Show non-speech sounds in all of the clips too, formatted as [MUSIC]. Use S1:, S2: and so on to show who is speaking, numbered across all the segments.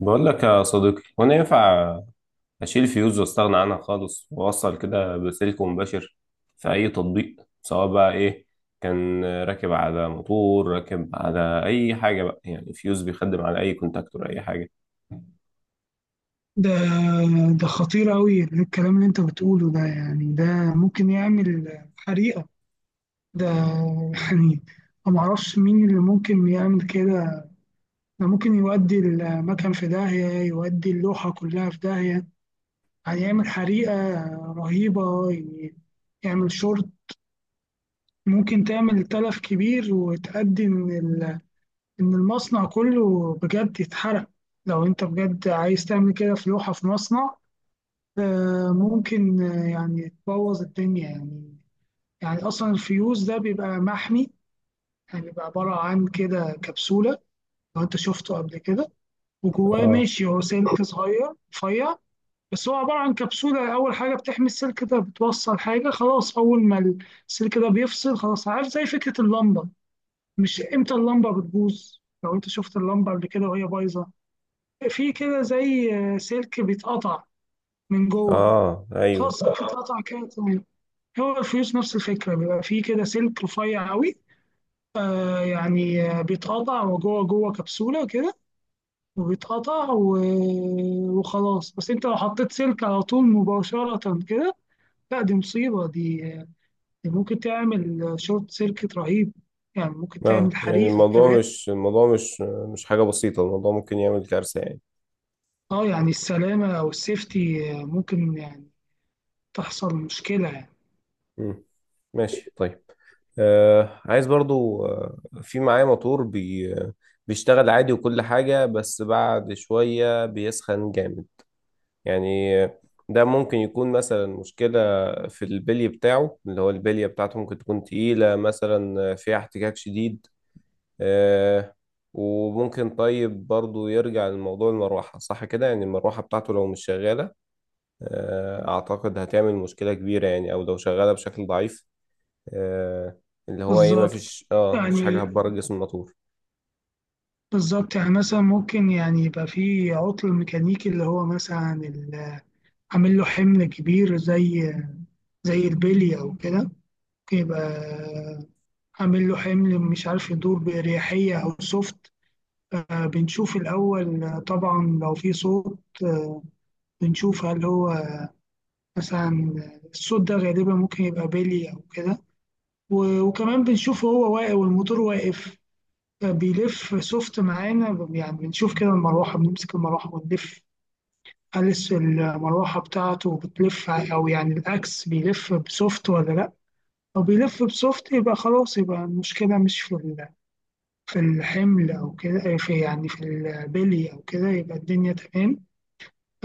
S1: بقول لك يا صديقي، وانا ينفع اشيل فيوز واستغنى عنها خالص واوصل كده بسلك مباشر في اي تطبيق، سواء بقى ايه كان راكب على موتور، راكب على اي حاجه، بقى يعني فيوز بيخدم على اي كونتاكتور، اي حاجه.
S2: ده ده خطير أوي الكلام اللي أنت بتقوله ده، يعني ده ممكن يعمل حريقة. ده، يعني أنا معرفش مين اللي ممكن يعمل كده. ده ممكن يودي المكان في داهية، يودي اللوحة كلها في داهية، يعني يعمل حريقة رهيبة. يعمل شورت. ممكن تعمل تلف كبير وتأدي إن المصنع كله بجد يتحرق. لو أنت بجد عايز تعمل كده في لوحة في مصنع، ممكن، يعني تبوظ الدنيا يعني. يعني اصلا الفيوز ده بيبقى محمي، يعني بيبقى عباره عن كده كبسوله. لو انت شفته قبل كده، وجواه
S1: اه،
S2: ماشي هو سلك صغير رفيع. بس هو عباره عن كبسوله، اول حاجه بتحمي السلك ده. بتوصل حاجه خلاص، اول ما السلك ده بيفصل خلاص. عارف زي فكره اللمبه، مش امتى اللمبه بتبوظ؟ لو انت شفت اللمبه قبل كده وهي بايظه، في كده زي سلك بيتقطع من جوه.
S1: اه، ايوه،
S2: خلاص السلك اتقطع كده تمام. هو الفيوز نفس الفكرة، بيبقى فيه كده سلك رفيع قوي، يعني بيتقطع وجوه جوه كبسولة كده، وبيتقطع وخلاص. بس انت لو حطيت سلك على طول مباشرة كده، لا دي مصيبة دي، دي ممكن تعمل شورت سيركت رهيب، يعني ممكن تعمل
S1: اه، يعني
S2: حريقة
S1: الموضوع
S2: كمان.
S1: مش الموضوع مش مش حاجه بسيطه، الموضوع ممكن يعمل كارثه يعني.
S2: اه، يعني السلامة أو السيفتي ممكن يعني تحصل مشكلة يعني.
S1: مم. ماشي، طيب. عايز برضو، في معايا موتور بيشتغل عادي وكل حاجة، بس بعد شوية بيسخن جامد يعني. ده ممكن يكون مثلا مشكلة في البلي بتاعه، اللي هو البلية بتاعته ممكن تكون تقيلة مثلا، فيها احتكاك شديد. آه وممكن طيب، برضو يرجع لموضوع المروحة، صح كده؟ يعني المروحة بتاعته لو مش شغالة، أعتقد هتعمل مشكلة كبيرة يعني، أو لو شغالة بشكل ضعيف، آه، اللي هو ايه،
S2: بالظبط،
S1: مفيش حاجة
S2: يعني
S1: هتبرد جسم على طول.
S2: بالظبط، يعني مثلا ممكن يعني يبقى فيه عطل ميكانيكي، اللي هو مثلا عامل له حمل كبير، زي البلي او كده. يبقى عامل له حمل، مش عارف يدور بأريحية او سوفت. بنشوف الأول، طبعا لو في صوت بنشوف هل هو مثلا. الصوت ده غالبا ممكن يبقى بيلي أو كده. وكمان بنشوف هو واقف والموتور واقف. بيلف سوفت معانا، يعني بنشوف كده المروحة، بنمسك المروحة ونلف، هل المروحة بتاعته بتلف، أو يعني الأكس بيلف بسوفت ولا لأ. لو بيلف بسوفت يبقى خلاص، يبقى المشكلة مش في الحمل أو كده، في يعني في البلي أو كده، يبقى الدنيا تمام.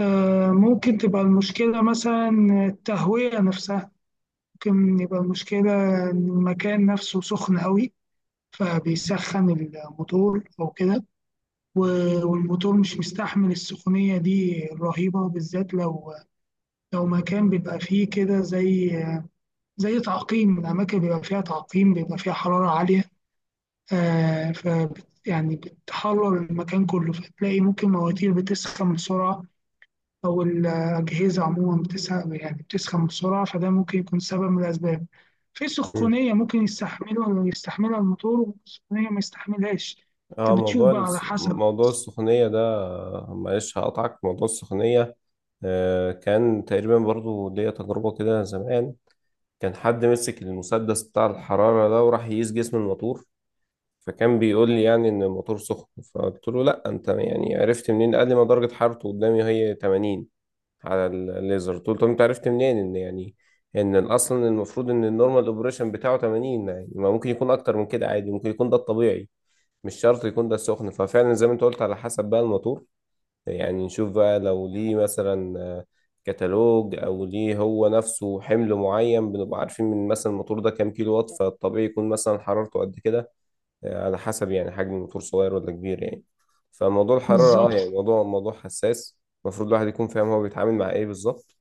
S2: ممكن تبقى المشكلة مثلا التهوية نفسها. ممكن يبقى المشكلة إن المكان نفسه سخن أوي، فبيسخن الموتور أو كده. والموتور مش مستحمل السخونية دي الرهيبة، بالذات لو مكان بيبقى فيه كده، زي تعقيم الأماكن، بيبقى فيها تعقيم، بيبقى فيها حرارة عالية. آه ف يعني بتحرر المكان كله، فتلاقي ممكن مواتير بتسخن بسرعة، أو الأجهزة عموما بتسخن، يعني بتسخن بسرعة. فده ممكن يكون سبب من الأسباب. في
S1: مم.
S2: سخونية ممكن يستحملها الموتور، وسخونية ما يستحملهاش.
S1: اه
S2: أنت بتشوف
S1: موضوع
S2: بقى على حسب.
S1: السخونية ده، معلش هقطعك، موضوع السخونية. كان تقريبا برضو ليا تجربة كده زمان. كان حد مسك المسدس بتاع الحرارة ده، وراح يقيس جسم الموتور، فكان بيقول لي يعني ان الموتور سخن. فقلت له: لا، انت يعني عرفت منين؟ قال لي: ما درجة حرارته قدامي هي 80 على الليزر طول. طب انت عرفت منين ان يعني ان اصلا المفروض ان النورمال اوبريشن بتاعه 80؟ يعني ما ممكن يكون اكتر من كده عادي، ممكن يكون ده الطبيعي، مش شرط يكون ده السخن. ففعلا زي ما انت قلت على حسب بقى الموتور، يعني نشوف بقى لو ليه مثلا كتالوج، او ليه هو نفسه حمل معين، بنبقى عارفين من مثلا الموتور ده كام كيلو وات، فالطبيعي يكون مثلا حرارته قد كده. على حسب يعني حجم الموتور صغير ولا كبير يعني. فموضوع الحرارة
S2: بالظبط.
S1: يعني موضوع حساس. المفروض الواحد يكون فاهم هو بيتعامل مع ايه بالظبط.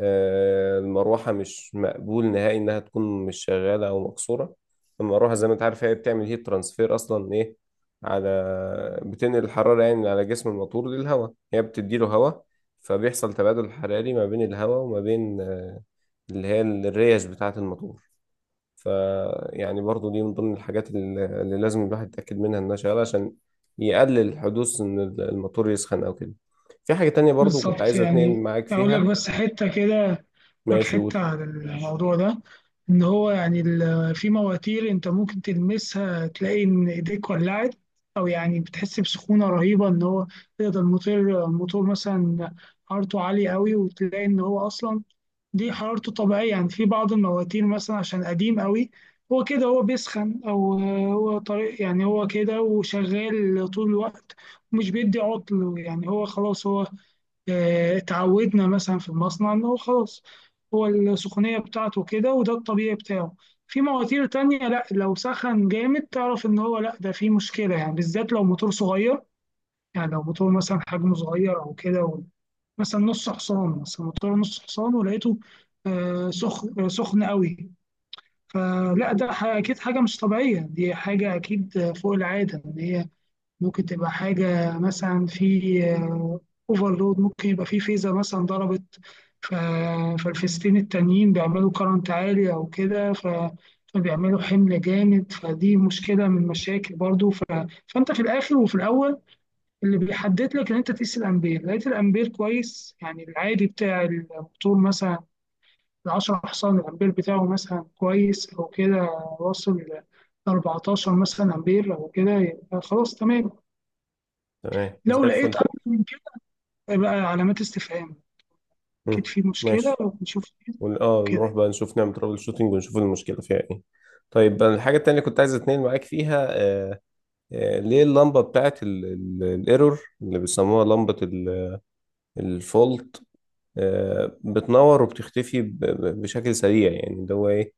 S1: المروحة مش مقبول نهائي إنها تكون مش شغالة أو مكسورة. المروحة زي ما أنت عارف، هي بتعمل هيت ترانسفير أصلا، إيه؟ على بتنقل الحرارة يعني من على جسم الموتور للهواء، هي بتديله هواء. فبيحصل تبادل حراري ما بين الهواء وما بين اللي هي الريش بتاعة الموتور. ف يعني برضو دي من ضمن الحاجات اللي لازم الواحد يتأكد منها إنها شغالة، عشان يقلل حدوث إن الموتور يسخن أو كده. في حاجة تانية برضو كنت
S2: بالظبط،
S1: عايز أتنقل
S2: يعني
S1: معاك
S2: أقول لك
S1: فيها.
S2: بس حتة كده، لك
S1: ماشي،
S2: حتة
S1: قول.
S2: عن الموضوع ده. إن هو يعني في مواتير أنت ممكن تلمسها تلاقي إن إيديك ولعت، أو يعني بتحس بسخونة رهيبة، إن هو تقدر. الموتور مثلا حرارته عالية أوي، وتلاقي إن هو أصلا دي حرارته طبيعية. يعني في بعض المواتير مثلا عشان قديم أوي، هو كده، هو بيسخن، أو هو طريق، يعني هو كده وشغال طول الوقت، ومش بيدي عطل، يعني هو خلاص هو. اتعودنا مثلا في المصنع ان هو خلاص، هو السخونية بتاعته كده وده الطبيعي بتاعه. في مواتير تانية لا، لو سخن جامد تعرف ان هو لا، ده في مشكلة، يعني بالذات لو موتور صغير. يعني لو موتور مثلا حجمه صغير او كده مثلا نص حصان، مثلا موتور نص حصان ولقيته آه، سخ آه، سخن قوي. فلا، ده اكيد حاجة مش طبيعية، دي حاجة اكيد فوق العادة، ان هي ممكن تبقى حاجة مثلا في اوفرلود، ممكن يبقى في فيزا مثلا ضربت، ف- فالفيزتين التانيين بيعملوا كرنت عالي أو كده، فبيعملوا حمل جامد، فدي مشكلة من المشاكل برضو فأنت في الآخر وفي الأول، اللي بيحدد لك إن أنت تقيس الأمبير، لقيت الأمبير كويس، يعني العادي بتاع الموتور مثلا ال 10 حصان، الأمبير بتاعه مثلا كويس أو كده، واصل ل 14 مثلا أمبير أو كده، يبقى خلاص تمام.
S1: تمام زي
S2: لو لقيت
S1: الفل.
S2: اكتر من كده، يبقى علامات استفهام،
S1: مم.
S2: اكيد في مشكله
S1: ماشي.
S2: ونشوف
S1: نروح
S2: كده.
S1: بقى نشوف، نعمل ترابل شوتنج ونشوف المشكلة فيها ايه. طيب، أنا الحاجة التانية اللي كنت عايز اتنين معاك فيها، ليه اللمبة بتاعت الايرور اللي بيسموها لمبة الفولت بتنور وبتختفي بشكل سريع يعني، اللي هو ايه؟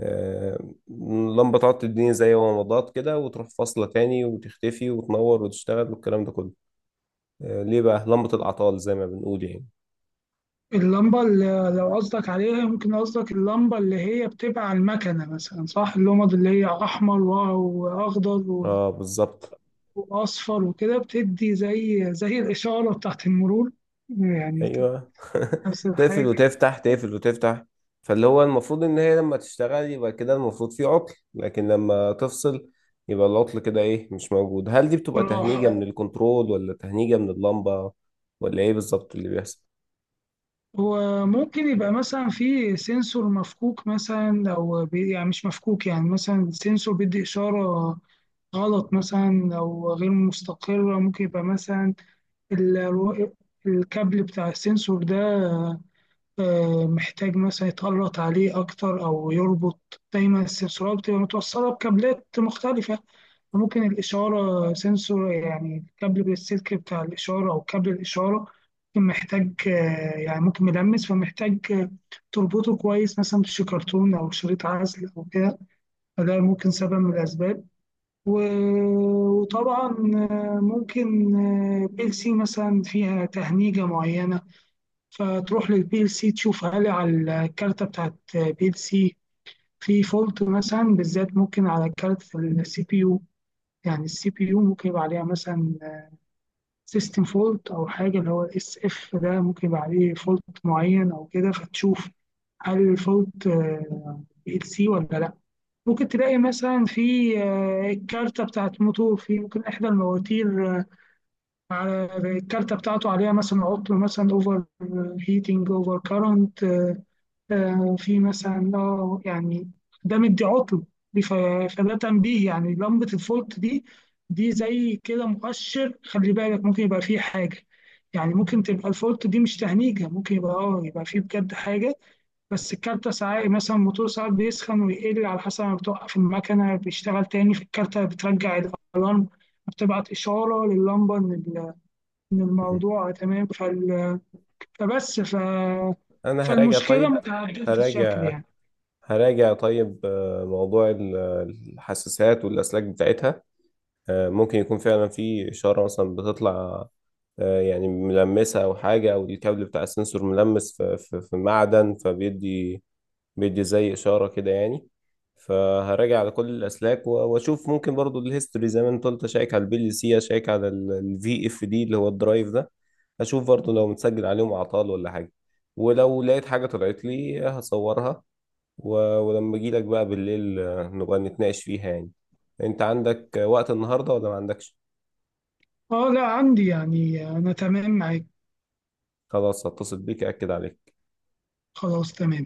S1: آه اللمبة تقعد تديني زي ومضات كده، وتروح فاصلة تاني، وتختفي وتنور وتشتغل، والكلام ده كله. ليه بقى لمبة العطال زي ما بنقول يعني؟
S2: اللمبه اللي لو قصدك عليها، ممكن قصدك اللمبه اللي هي بتبقى على المكنه مثلا، صح؟ اللمض اللي هي احمر واخضر
S1: اه، بالظبط.
S2: واصفر وكده، بتدي زي الاشاره بتاعت المرور، يعني بتدي
S1: ايوه.
S2: نفس
S1: [LAUGHS] تقفل
S2: الحاجه.
S1: وتفتح، تقفل وتفتح. فاللي هو المفروض ان هي لما تشتغل يبقى كده المفروض في عطل، لكن لما تفصل يبقى العطل كده ايه؟ مش موجود. هل دي بتبقى
S2: راح،
S1: تهنيجة من الكنترول ولا تهنيجة من اللمبة ولا ايه بالظبط اللي بيحصل؟
S2: وممكن يبقى مثلا في سنسور مفكوك مثلا، او يعني مش مفكوك، يعني مثلا سنسور بيدي اشاره غلط، مثلا لو غير مستقرة. ممكن يبقى مثلا ال- الكابل بتاع السنسور ده محتاج مثلا يتقلط عليه أكتر أو يربط. دايما السنسورات بتبقى متوصلة بكابلات مختلفة، ممكن الإشارة سنسور يعني الكابل بالسلك بتاع الإشارة أو كابل الإشارة، ممكن محتاج يعني ممكن ملمس، فمحتاج تربطه كويس مثلا بشي كرتون أو شريط عزل أو كده. فده ممكن سبب من الأسباب. وطبعا ممكن بي ال سي مثلا فيها تهنيجة معينة. فتروح للبي ال سي تشوف هل على الكارتة بتاعت بي ال سي في فولت مثلا، بالذات ممكن على كارت السي بي يو. يعني السي بي يو ممكن يبقى عليها مثلا سيستم فولت أو حاجة، اللي هو الاس اف ده، ممكن يبقى عليه فولت معين أو كده. فتشوف هل الفولت بي ال سي ولا لأ. ممكن تلاقي مثلا في الكارتة بتاعت موتور، في ممكن إحدى المواتير على الكارتة بتاعته عليها مثلا عطل، مثلا أوفر هيتنج، أوفر كارنت. في مثلا، يعني ده مدي عطل دي فده تنبيه، يعني لمبة الفولت دي، دي زي كده مؤشر، خلي بالك ممكن يبقى فيه حاجة. يعني ممكن تبقى الفولت دي مش تهنيجة، ممكن يبقى يبقى فيه بجد حاجة. بس الكارتة ساعات مثلا، الموتور ساعات بيسخن ويقل على حسب، ما بتوقف المكنة بيشتغل تاني، في الكارتة بترجع الألارم، بتبعت إشارة لللمبة إن إن
S1: [LAUGHS] مم.
S2: الموضوع تمام فبس ف...
S1: انا هراجع،
S2: فالمشكلة
S1: طيب.
S2: متعددة الشكل
S1: هراجع
S2: يعني.
S1: هراجع طيب. موضوع الحساسات والاسلاك بتاعتها. ممكن يكون فعلا في اشارة مثلا بتطلع، يعني ملمسة أو حاجة، أو الكابل بتاع السنسور ملمس في معدن، بيدي زي إشارة كده يعني. فهراجع على كل الأسلاك وأشوف، ممكن برضو الهيستوري زي ما أنت قلت، أشيك على الPLC، أشيك على الVFD اللي هو الدرايف ده. أشوف برضو لو متسجل عليهم أعطال ولا حاجة، ولو لقيت حاجة طلعت لي هصورها. ولما أجيلك بقى بالليل، نبقى نتناقش فيها يعني. أنت عندك وقت النهاردة ولا ما عندكش؟
S2: اه، لا عندي، يعني أنا تمام معاك.
S1: خلاص، هتصل بيك أكد عليك.
S2: خلاص تمام.